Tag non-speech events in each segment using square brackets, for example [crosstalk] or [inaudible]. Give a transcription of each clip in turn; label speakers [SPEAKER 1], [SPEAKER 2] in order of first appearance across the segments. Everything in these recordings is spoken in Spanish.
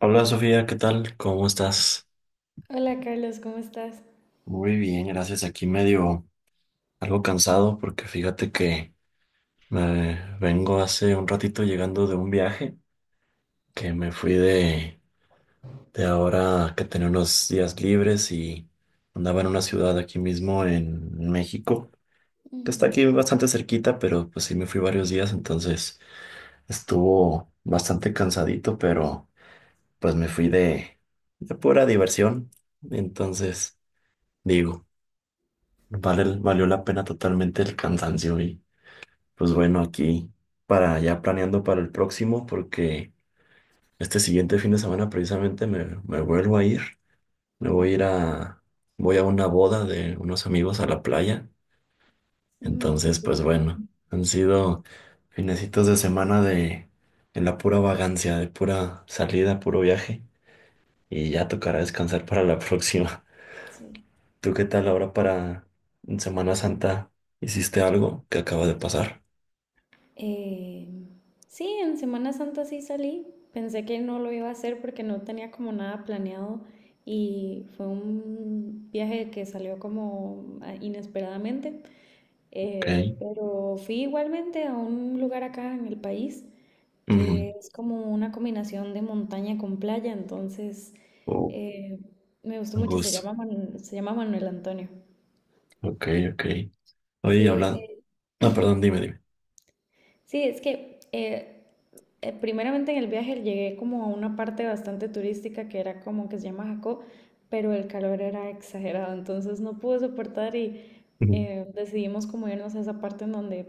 [SPEAKER 1] Hola Sofía, ¿qué tal? ¿Cómo estás?
[SPEAKER 2] Hola Carlos, ¿cómo estás?
[SPEAKER 1] Muy bien, gracias. Aquí medio algo cansado porque fíjate que me vengo hace un ratito llegando de un viaje que me fui de ahora que tenía unos días libres y andaba en una ciudad aquí mismo en México, que está
[SPEAKER 2] Ujú,
[SPEAKER 1] aquí bastante cerquita, pero pues sí me fui varios días, entonces estuvo bastante cansadito, pero pues me fui de pura diversión, entonces digo. Vale, valió la pena totalmente el cansancio y pues bueno, aquí para ya planeando para el próximo porque este siguiente fin de semana precisamente me vuelvo a ir, me voy a
[SPEAKER 2] ujú.
[SPEAKER 1] ir voy a una boda de unos amigos a la playa,
[SPEAKER 2] Mm, qué
[SPEAKER 1] entonces pues
[SPEAKER 2] cool.
[SPEAKER 1] bueno, han sido finecitos de semana de la pura vagancia, de pura salida, puro viaje y ya tocará descansar para la próxima.
[SPEAKER 2] Sí.
[SPEAKER 1] [laughs] ¿Tú qué tal ahora para Semana Santa? ¿Hiciste algo que acaba de pasar?
[SPEAKER 2] Eh, sí, en Semana Santa sí salí. Pensé que no lo iba a hacer porque no tenía como nada planeado y fue un viaje que salió como ah, inesperadamente.
[SPEAKER 1] Ok.
[SPEAKER 2] Pero fui igualmente a un lugar acá en el país
[SPEAKER 1] Ujú.
[SPEAKER 2] que es como una combinación de montaña con playa, entonces
[SPEAKER 1] Oh,
[SPEAKER 2] eh, me gustó
[SPEAKER 1] a
[SPEAKER 2] mucho. Se
[SPEAKER 1] gusto.
[SPEAKER 2] llama se llama Manuel Antonio.
[SPEAKER 1] Ok, ok. Oye,
[SPEAKER 2] Sí,
[SPEAKER 1] hablando. No, perdón, dime, dime.
[SPEAKER 2] sí, es que primeramente en el viaje llegué como a una parte bastante turística que era como que se llama Jacó, pero el calor era exagerado, entonces no pude soportar y
[SPEAKER 1] Ujú.
[SPEAKER 2] decidimos como irnos a esa parte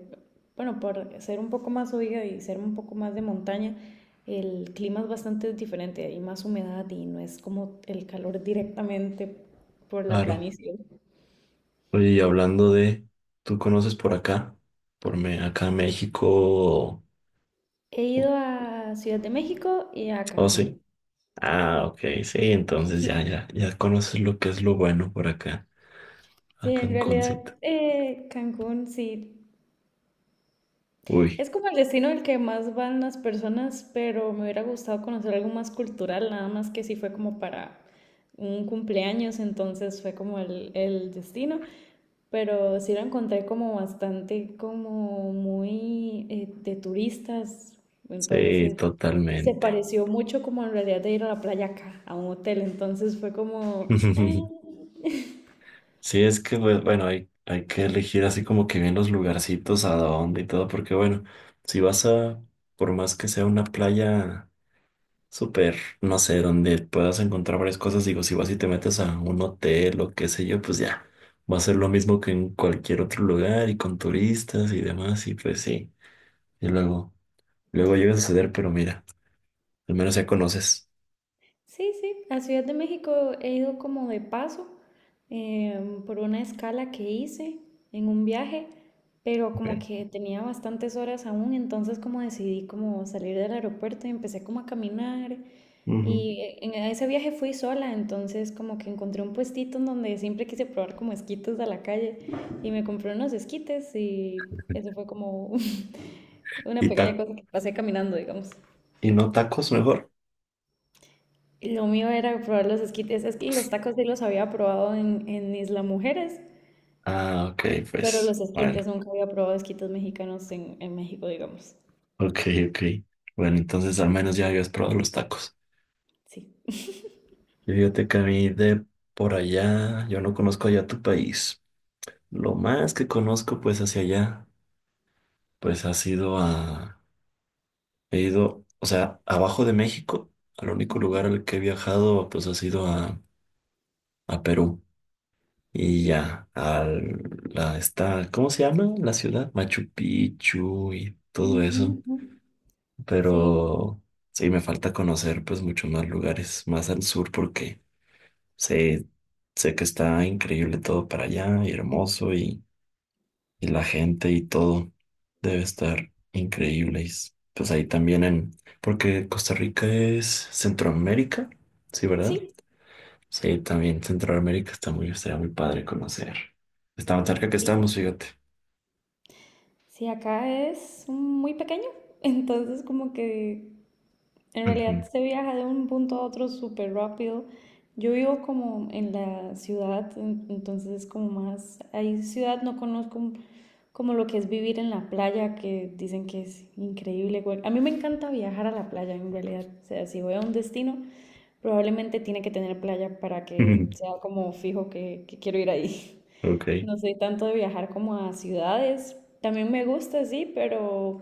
[SPEAKER 2] bueno, por ser un poco más oiga y ser un poco más de montaña, el clima es bastante diferente, hay más humedad y no es como el calor directamente por la
[SPEAKER 1] Claro.
[SPEAKER 2] planicie.
[SPEAKER 1] Oye, y hablando de. ¿Tú conoces por acá? Por acá en México.
[SPEAKER 2] He
[SPEAKER 1] o-
[SPEAKER 2] ido a Ciudad de México y a
[SPEAKER 1] Oh, sí.
[SPEAKER 2] Cancún.
[SPEAKER 1] Ah, ok, sí. Entonces ya, ya, ya conoces lo que es lo bueno por acá.
[SPEAKER 2] Sí,
[SPEAKER 1] Acá
[SPEAKER 2] en
[SPEAKER 1] en
[SPEAKER 2] realidad
[SPEAKER 1] Concita.
[SPEAKER 2] Cancún sí.
[SPEAKER 1] Uy,
[SPEAKER 2] Es como el destino al que más van las personas, pero me hubiera gustado conocer algo más cultural, nada más que sí fue como para un cumpleaños, entonces fue como el destino, pero sí lo encontré como bastante como muy de turistas,
[SPEAKER 1] sí,
[SPEAKER 2] entonces se
[SPEAKER 1] totalmente.
[SPEAKER 2] pareció mucho como en realidad de ir a la playa acá, a un hotel, entonces fue como... "Ah,
[SPEAKER 1] [laughs] Sí, es que, pues, bueno, hay que elegir así como que bien los lugarcitos, a dónde y todo, porque, bueno, si vas a, por más que sea una playa súper, no sé, donde puedas encontrar varias cosas, digo, si vas y te metes a un hotel o qué sé yo, pues ya, va a ser lo mismo que en cualquier otro lugar y con turistas y demás, y pues sí, y luego, luego llega a suceder, pero mira, al menos ya conoces.
[SPEAKER 2] sí, sí, a Ciudad de México he ido como de paso por una escala que hice en un viaje, pero
[SPEAKER 1] Ok.
[SPEAKER 2] como que tenía bastantes horas aún, entonces como decidí como salir del aeropuerto y empecé como a caminar
[SPEAKER 1] Ujú.
[SPEAKER 2] y en ese viaje fui sola, entonces como que encontré un puestito en donde siempre quise probar como esquites de la calle y me compré unos esquites y eso fue como [laughs] una
[SPEAKER 1] Y,
[SPEAKER 2] pequeña
[SPEAKER 1] ta-
[SPEAKER 2] cosa que pasé caminando, digamos.
[SPEAKER 1] y no tacos mejor.
[SPEAKER 2] Lo mío era probar los esquites. Es que los tacos sí los había probado en Isla Mujeres,
[SPEAKER 1] Ah, ok,
[SPEAKER 2] pero
[SPEAKER 1] pues,
[SPEAKER 2] los esquites
[SPEAKER 1] bueno.
[SPEAKER 2] nunca había probado esquites mexicanos en México, digamos.
[SPEAKER 1] Ok, ok. Bueno, entonces al menos ya habías probado los tacos.
[SPEAKER 2] Sí.
[SPEAKER 1] Y fíjate que a mí de por allá, yo no conozco allá tu país. Lo más que conozco pues hacia allá, pues ha sido a... He ido, o sea, abajo de México, al único
[SPEAKER 2] Ujú,
[SPEAKER 1] lugar al que he viajado pues ha sido a Perú. Y ya, está, ¿cómo se llama la ciudad? Machu Picchu y todo
[SPEAKER 2] ujú,
[SPEAKER 1] eso.
[SPEAKER 2] ujú. Sí,
[SPEAKER 1] Pero sí, me falta conocer pues muchos más lugares, más al sur porque... Sé, sé que está increíble todo para allá y hermoso y la gente y todo debe estar increíble. Pues ahí también en, porque Costa Rica es Centroamérica, sí, ¿verdad?
[SPEAKER 2] sí,
[SPEAKER 1] Sí, también Centroamérica está muy, estaría muy padre conocer. Está tan cerca que
[SPEAKER 2] sí.
[SPEAKER 1] estamos, fíjate.
[SPEAKER 2] Sí, acá es muy pequeño, [laughs] entonces como que en
[SPEAKER 1] Ujú.
[SPEAKER 2] realidad se viaja de un punto a otro súper rápido. Yo vivo como en la ciudad, entonces es como más, ahí ciudad no conozco como lo que es vivir en la playa, que dicen que es increíble. A mí me encanta viajar a la playa, en realidad. O sea, si voy a un destino, probablemente tiene que tener playa para que
[SPEAKER 1] [laughs]
[SPEAKER 2] sea como fijo que quiero ir ahí. [laughs]
[SPEAKER 1] Ok,
[SPEAKER 2] No soy tanto de viajar como a ciudades. También me gusta, sí, pero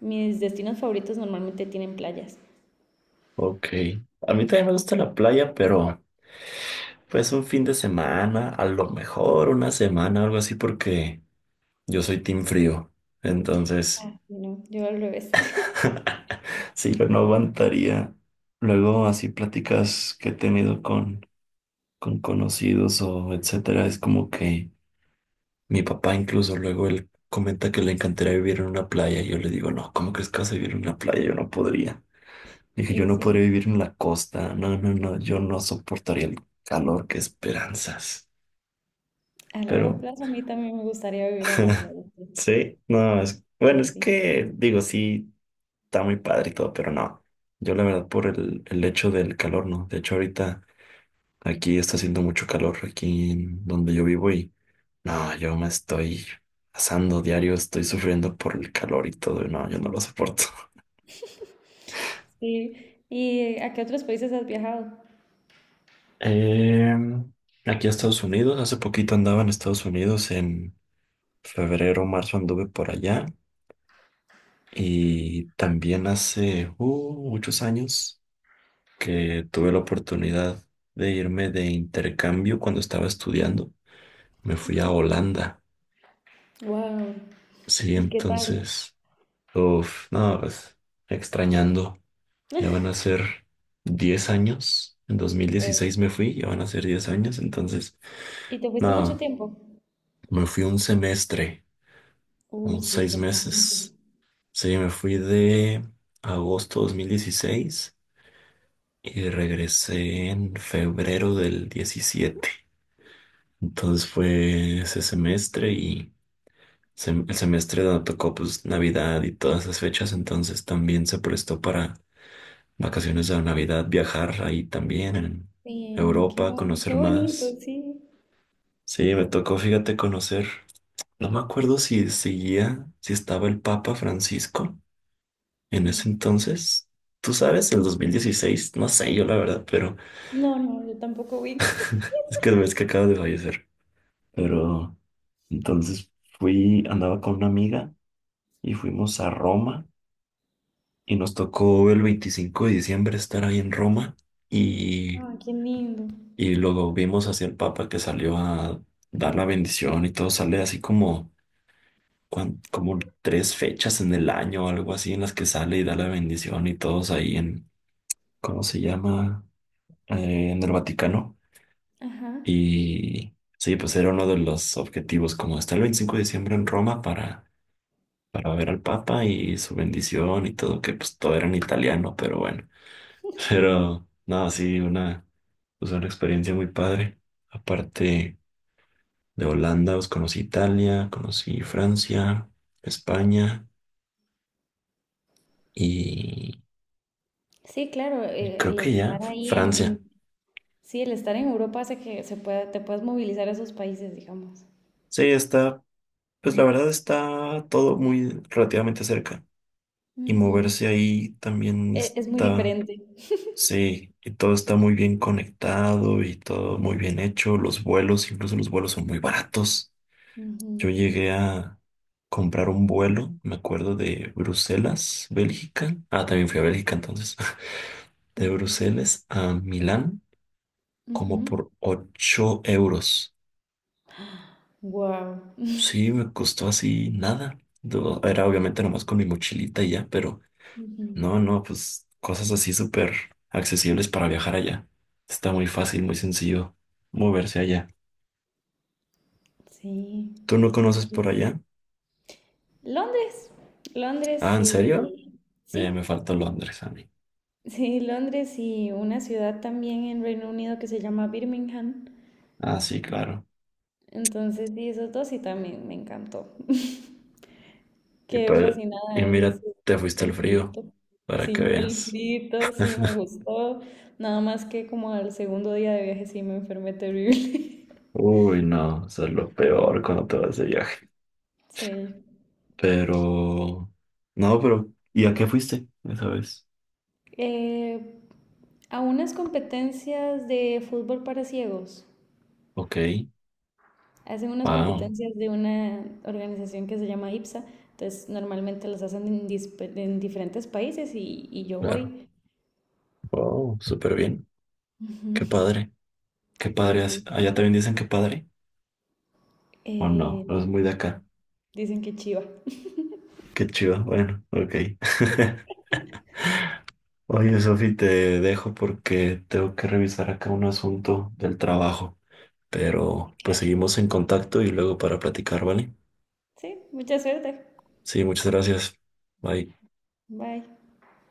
[SPEAKER 2] mis destinos favoritos normalmente tienen playas.
[SPEAKER 1] ok. A mí también me gusta la playa, pero pues un fin de semana, a lo mejor una semana, algo así, porque yo soy team frío, entonces
[SPEAKER 2] Ah, sí, no, yo al revés. [laughs]
[SPEAKER 1] [laughs] sí, yo no aguantaría. Luego así pláticas que he tenido con conocidos o etcétera, es como que mi papá incluso luego él comenta que le encantaría vivir en una playa y yo le digo, no, ¿cómo crees que vas a vivir en una playa? Yo no podría. Dije, yo
[SPEAKER 2] Sí,
[SPEAKER 1] no podría
[SPEAKER 2] sí.
[SPEAKER 1] vivir en la costa, no, no, no, yo no soportaría el calor, qué esperanzas.
[SPEAKER 2] A largo
[SPEAKER 1] Pero
[SPEAKER 2] plazo a mí también me gustaría vivir en la
[SPEAKER 1] [laughs]
[SPEAKER 2] playa. Sí,
[SPEAKER 1] sí, no, es, bueno,
[SPEAKER 2] sí,
[SPEAKER 1] es
[SPEAKER 2] sí.
[SPEAKER 1] que digo, sí. Está muy padre y todo, pero no. Yo la verdad por el hecho del calor, ¿no? De hecho ahorita aquí está haciendo mucho calor, aquí en donde yo vivo y no, yo me estoy asando diario, estoy sufriendo por el calor y todo, y no, yo no lo soporto. [laughs]
[SPEAKER 2] Sí. ¿Y a qué otros países has viajado?
[SPEAKER 1] Em, Aquí a Estados Unidos, hace poquito andaba en Estados Unidos, en febrero, marzo anduve por allá y también hace muchos años que tuve la oportunidad de irme de intercambio cuando estaba estudiando. Me fui a Holanda.
[SPEAKER 2] Wow.
[SPEAKER 1] Sí,
[SPEAKER 2] ¿Y qué tal?
[SPEAKER 1] entonces, uff, no, pues extrañando. Ya van a ser 10 años. En dos mil
[SPEAKER 2] Oh,
[SPEAKER 1] dieciséis me fui, ya van a ser 10 años. Entonces,
[SPEAKER 2] ¿y te fuiste mucho
[SPEAKER 1] no,
[SPEAKER 2] tiempo?
[SPEAKER 1] me fui un semestre,
[SPEAKER 2] Uy,
[SPEAKER 1] o
[SPEAKER 2] sí, es
[SPEAKER 1] seis
[SPEAKER 2] bastante.
[SPEAKER 1] meses. Sí, me fui de agosto 2016 y regresé en febrero del diecisiete. Entonces fue ese semestre y el semestre donde tocó pues Navidad y todas esas fechas, entonces también se prestó para vacaciones de Navidad, viajar ahí también en
[SPEAKER 2] Sí,
[SPEAKER 1] Europa,
[SPEAKER 2] qué
[SPEAKER 1] conocer
[SPEAKER 2] bonito,
[SPEAKER 1] más.
[SPEAKER 2] sí.
[SPEAKER 1] Sí, me tocó, fíjate, conocer. No me acuerdo si seguía, si estaba el Papa Francisco en ese
[SPEAKER 2] Mm.
[SPEAKER 1] entonces. Tú sabes, el 2016, no sé yo la verdad, pero
[SPEAKER 2] No, no, yo tampoco ubico. [laughs]
[SPEAKER 1] es que ves que acaba de fallecer. Pero entonces fui, andaba con una amiga y fuimos a Roma y nos tocó el 25 de diciembre estar ahí en Roma y,
[SPEAKER 2] Ah, qué lindo.
[SPEAKER 1] y luego vimos hacia el Papa que salió a dar la bendición y todo sale así como, como tres fechas en el año o algo así en las que sale y da la bendición y todos ahí en, ¿cómo se llama? En el Vaticano.
[SPEAKER 2] Ajá.
[SPEAKER 1] Y sí, pues era uno de los objetivos, como estar el 25 de diciembre en Roma para ver al Papa y su bendición y todo, que pues todo era en italiano, pero bueno. Pero, no, sí, una, pues, una experiencia muy padre. Aparte de Holanda, pues conocí Italia, conocí Francia, España y,
[SPEAKER 2] Sí, claro,
[SPEAKER 1] y creo
[SPEAKER 2] el
[SPEAKER 1] que ya
[SPEAKER 2] estar ahí en,
[SPEAKER 1] Francia.
[SPEAKER 2] en- Sí, el estar en Europa hace que se pueda, te puedas movilizar a esos países, digamos.
[SPEAKER 1] Sí, está, pues la verdad está todo muy relativamente cerca y
[SPEAKER 2] Ujú.
[SPEAKER 1] moverse ahí también
[SPEAKER 2] Es muy
[SPEAKER 1] está,
[SPEAKER 2] diferente.
[SPEAKER 1] sí, y todo está muy bien conectado y todo muy bien hecho. Los vuelos, incluso los vuelos son muy baratos. Yo llegué a comprar un vuelo, me acuerdo de Bruselas, Bélgica. Ah, también fui a Bélgica entonces. [laughs] De Bruselas a Milán, como por 8 euros.
[SPEAKER 2] Wow. [laughs]
[SPEAKER 1] Sí, me costó así nada. Era obviamente nomás con mi mochilita y ya, pero
[SPEAKER 2] Ujú.
[SPEAKER 1] no, no, pues cosas así súper accesibles para viajar allá. Está muy fácil, muy sencillo moverse allá.
[SPEAKER 2] Sí,
[SPEAKER 1] ¿Tú no
[SPEAKER 2] qué
[SPEAKER 1] conoces por allá?
[SPEAKER 2] Londres,
[SPEAKER 1] Ah,
[SPEAKER 2] Londres
[SPEAKER 1] ¿en serio?
[SPEAKER 2] y
[SPEAKER 1] Me
[SPEAKER 2] Sí,
[SPEAKER 1] falta Londres a mí.
[SPEAKER 2] [laughs] sí, Londres y una ciudad también en Reino Unido que se llama Birmingham.
[SPEAKER 1] Ah, sí, claro.
[SPEAKER 2] Entonces, sí, esos dos sí también me encantó. [laughs]
[SPEAKER 1] Y,
[SPEAKER 2] Qué
[SPEAKER 1] pa- y
[SPEAKER 2] fascinada,
[SPEAKER 1] mira, te fuiste al
[SPEAKER 2] el
[SPEAKER 1] frío
[SPEAKER 2] frito.
[SPEAKER 1] para que
[SPEAKER 2] Sí, el
[SPEAKER 1] veas.
[SPEAKER 2] frito, sí, me gustó. Nada más que como al segundo día de viaje sí me enfermé terrible. [laughs]
[SPEAKER 1] Uy, no, eso es lo peor cuando te vas de viaje.
[SPEAKER 2] Sí.
[SPEAKER 1] Pero, no, pero, ¿y a qué fuiste esa vez?
[SPEAKER 2] Eh, a unas competencias de fútbol para ciegos.
[SPEAKER 1] Ok,
[SPEAKER 2] Hacen unas
[SPEAKER 1] wow,
[SPEAKER 2] competencias de una organización que se llama IPSA, entonces normalmente las hacen en diferentes países y yo
[SPEAKER 1] claro,
[SPEAKER 2] voy.
[SPEAKER 1] wow, súper bien.
[SPEAKER 2] Ujú.
[SPEAKER 1] Qué padre, qué
[SPEAKER 2] Sí,
[SPEAKER 1] padre.
[SPEAKER 2] sí.
[SPEAKER 1] Allá también dicen que padre, o no, no es
[SPEAKER 2] No,
[SPEAKER 1] muy de acá.
[SPEAKER 2] no. Dicen que chiva.
[SPEAKER 1] Qué chido, bueno, ok. [laughs] Oye, Sofi, te dejo porque tengo que revisar acá un asunto del trabajo. Pero pues
[SPEAKER 2] Claro.
[SPEAKER 1] seguimos en contacto y luego para platicar, ¿vale?
[SPEAKER 2] Sí, mucha suerte.
[SPEAKER 1] Sí, muchas gracias. Bye.
[SPEAKER 2] Bye.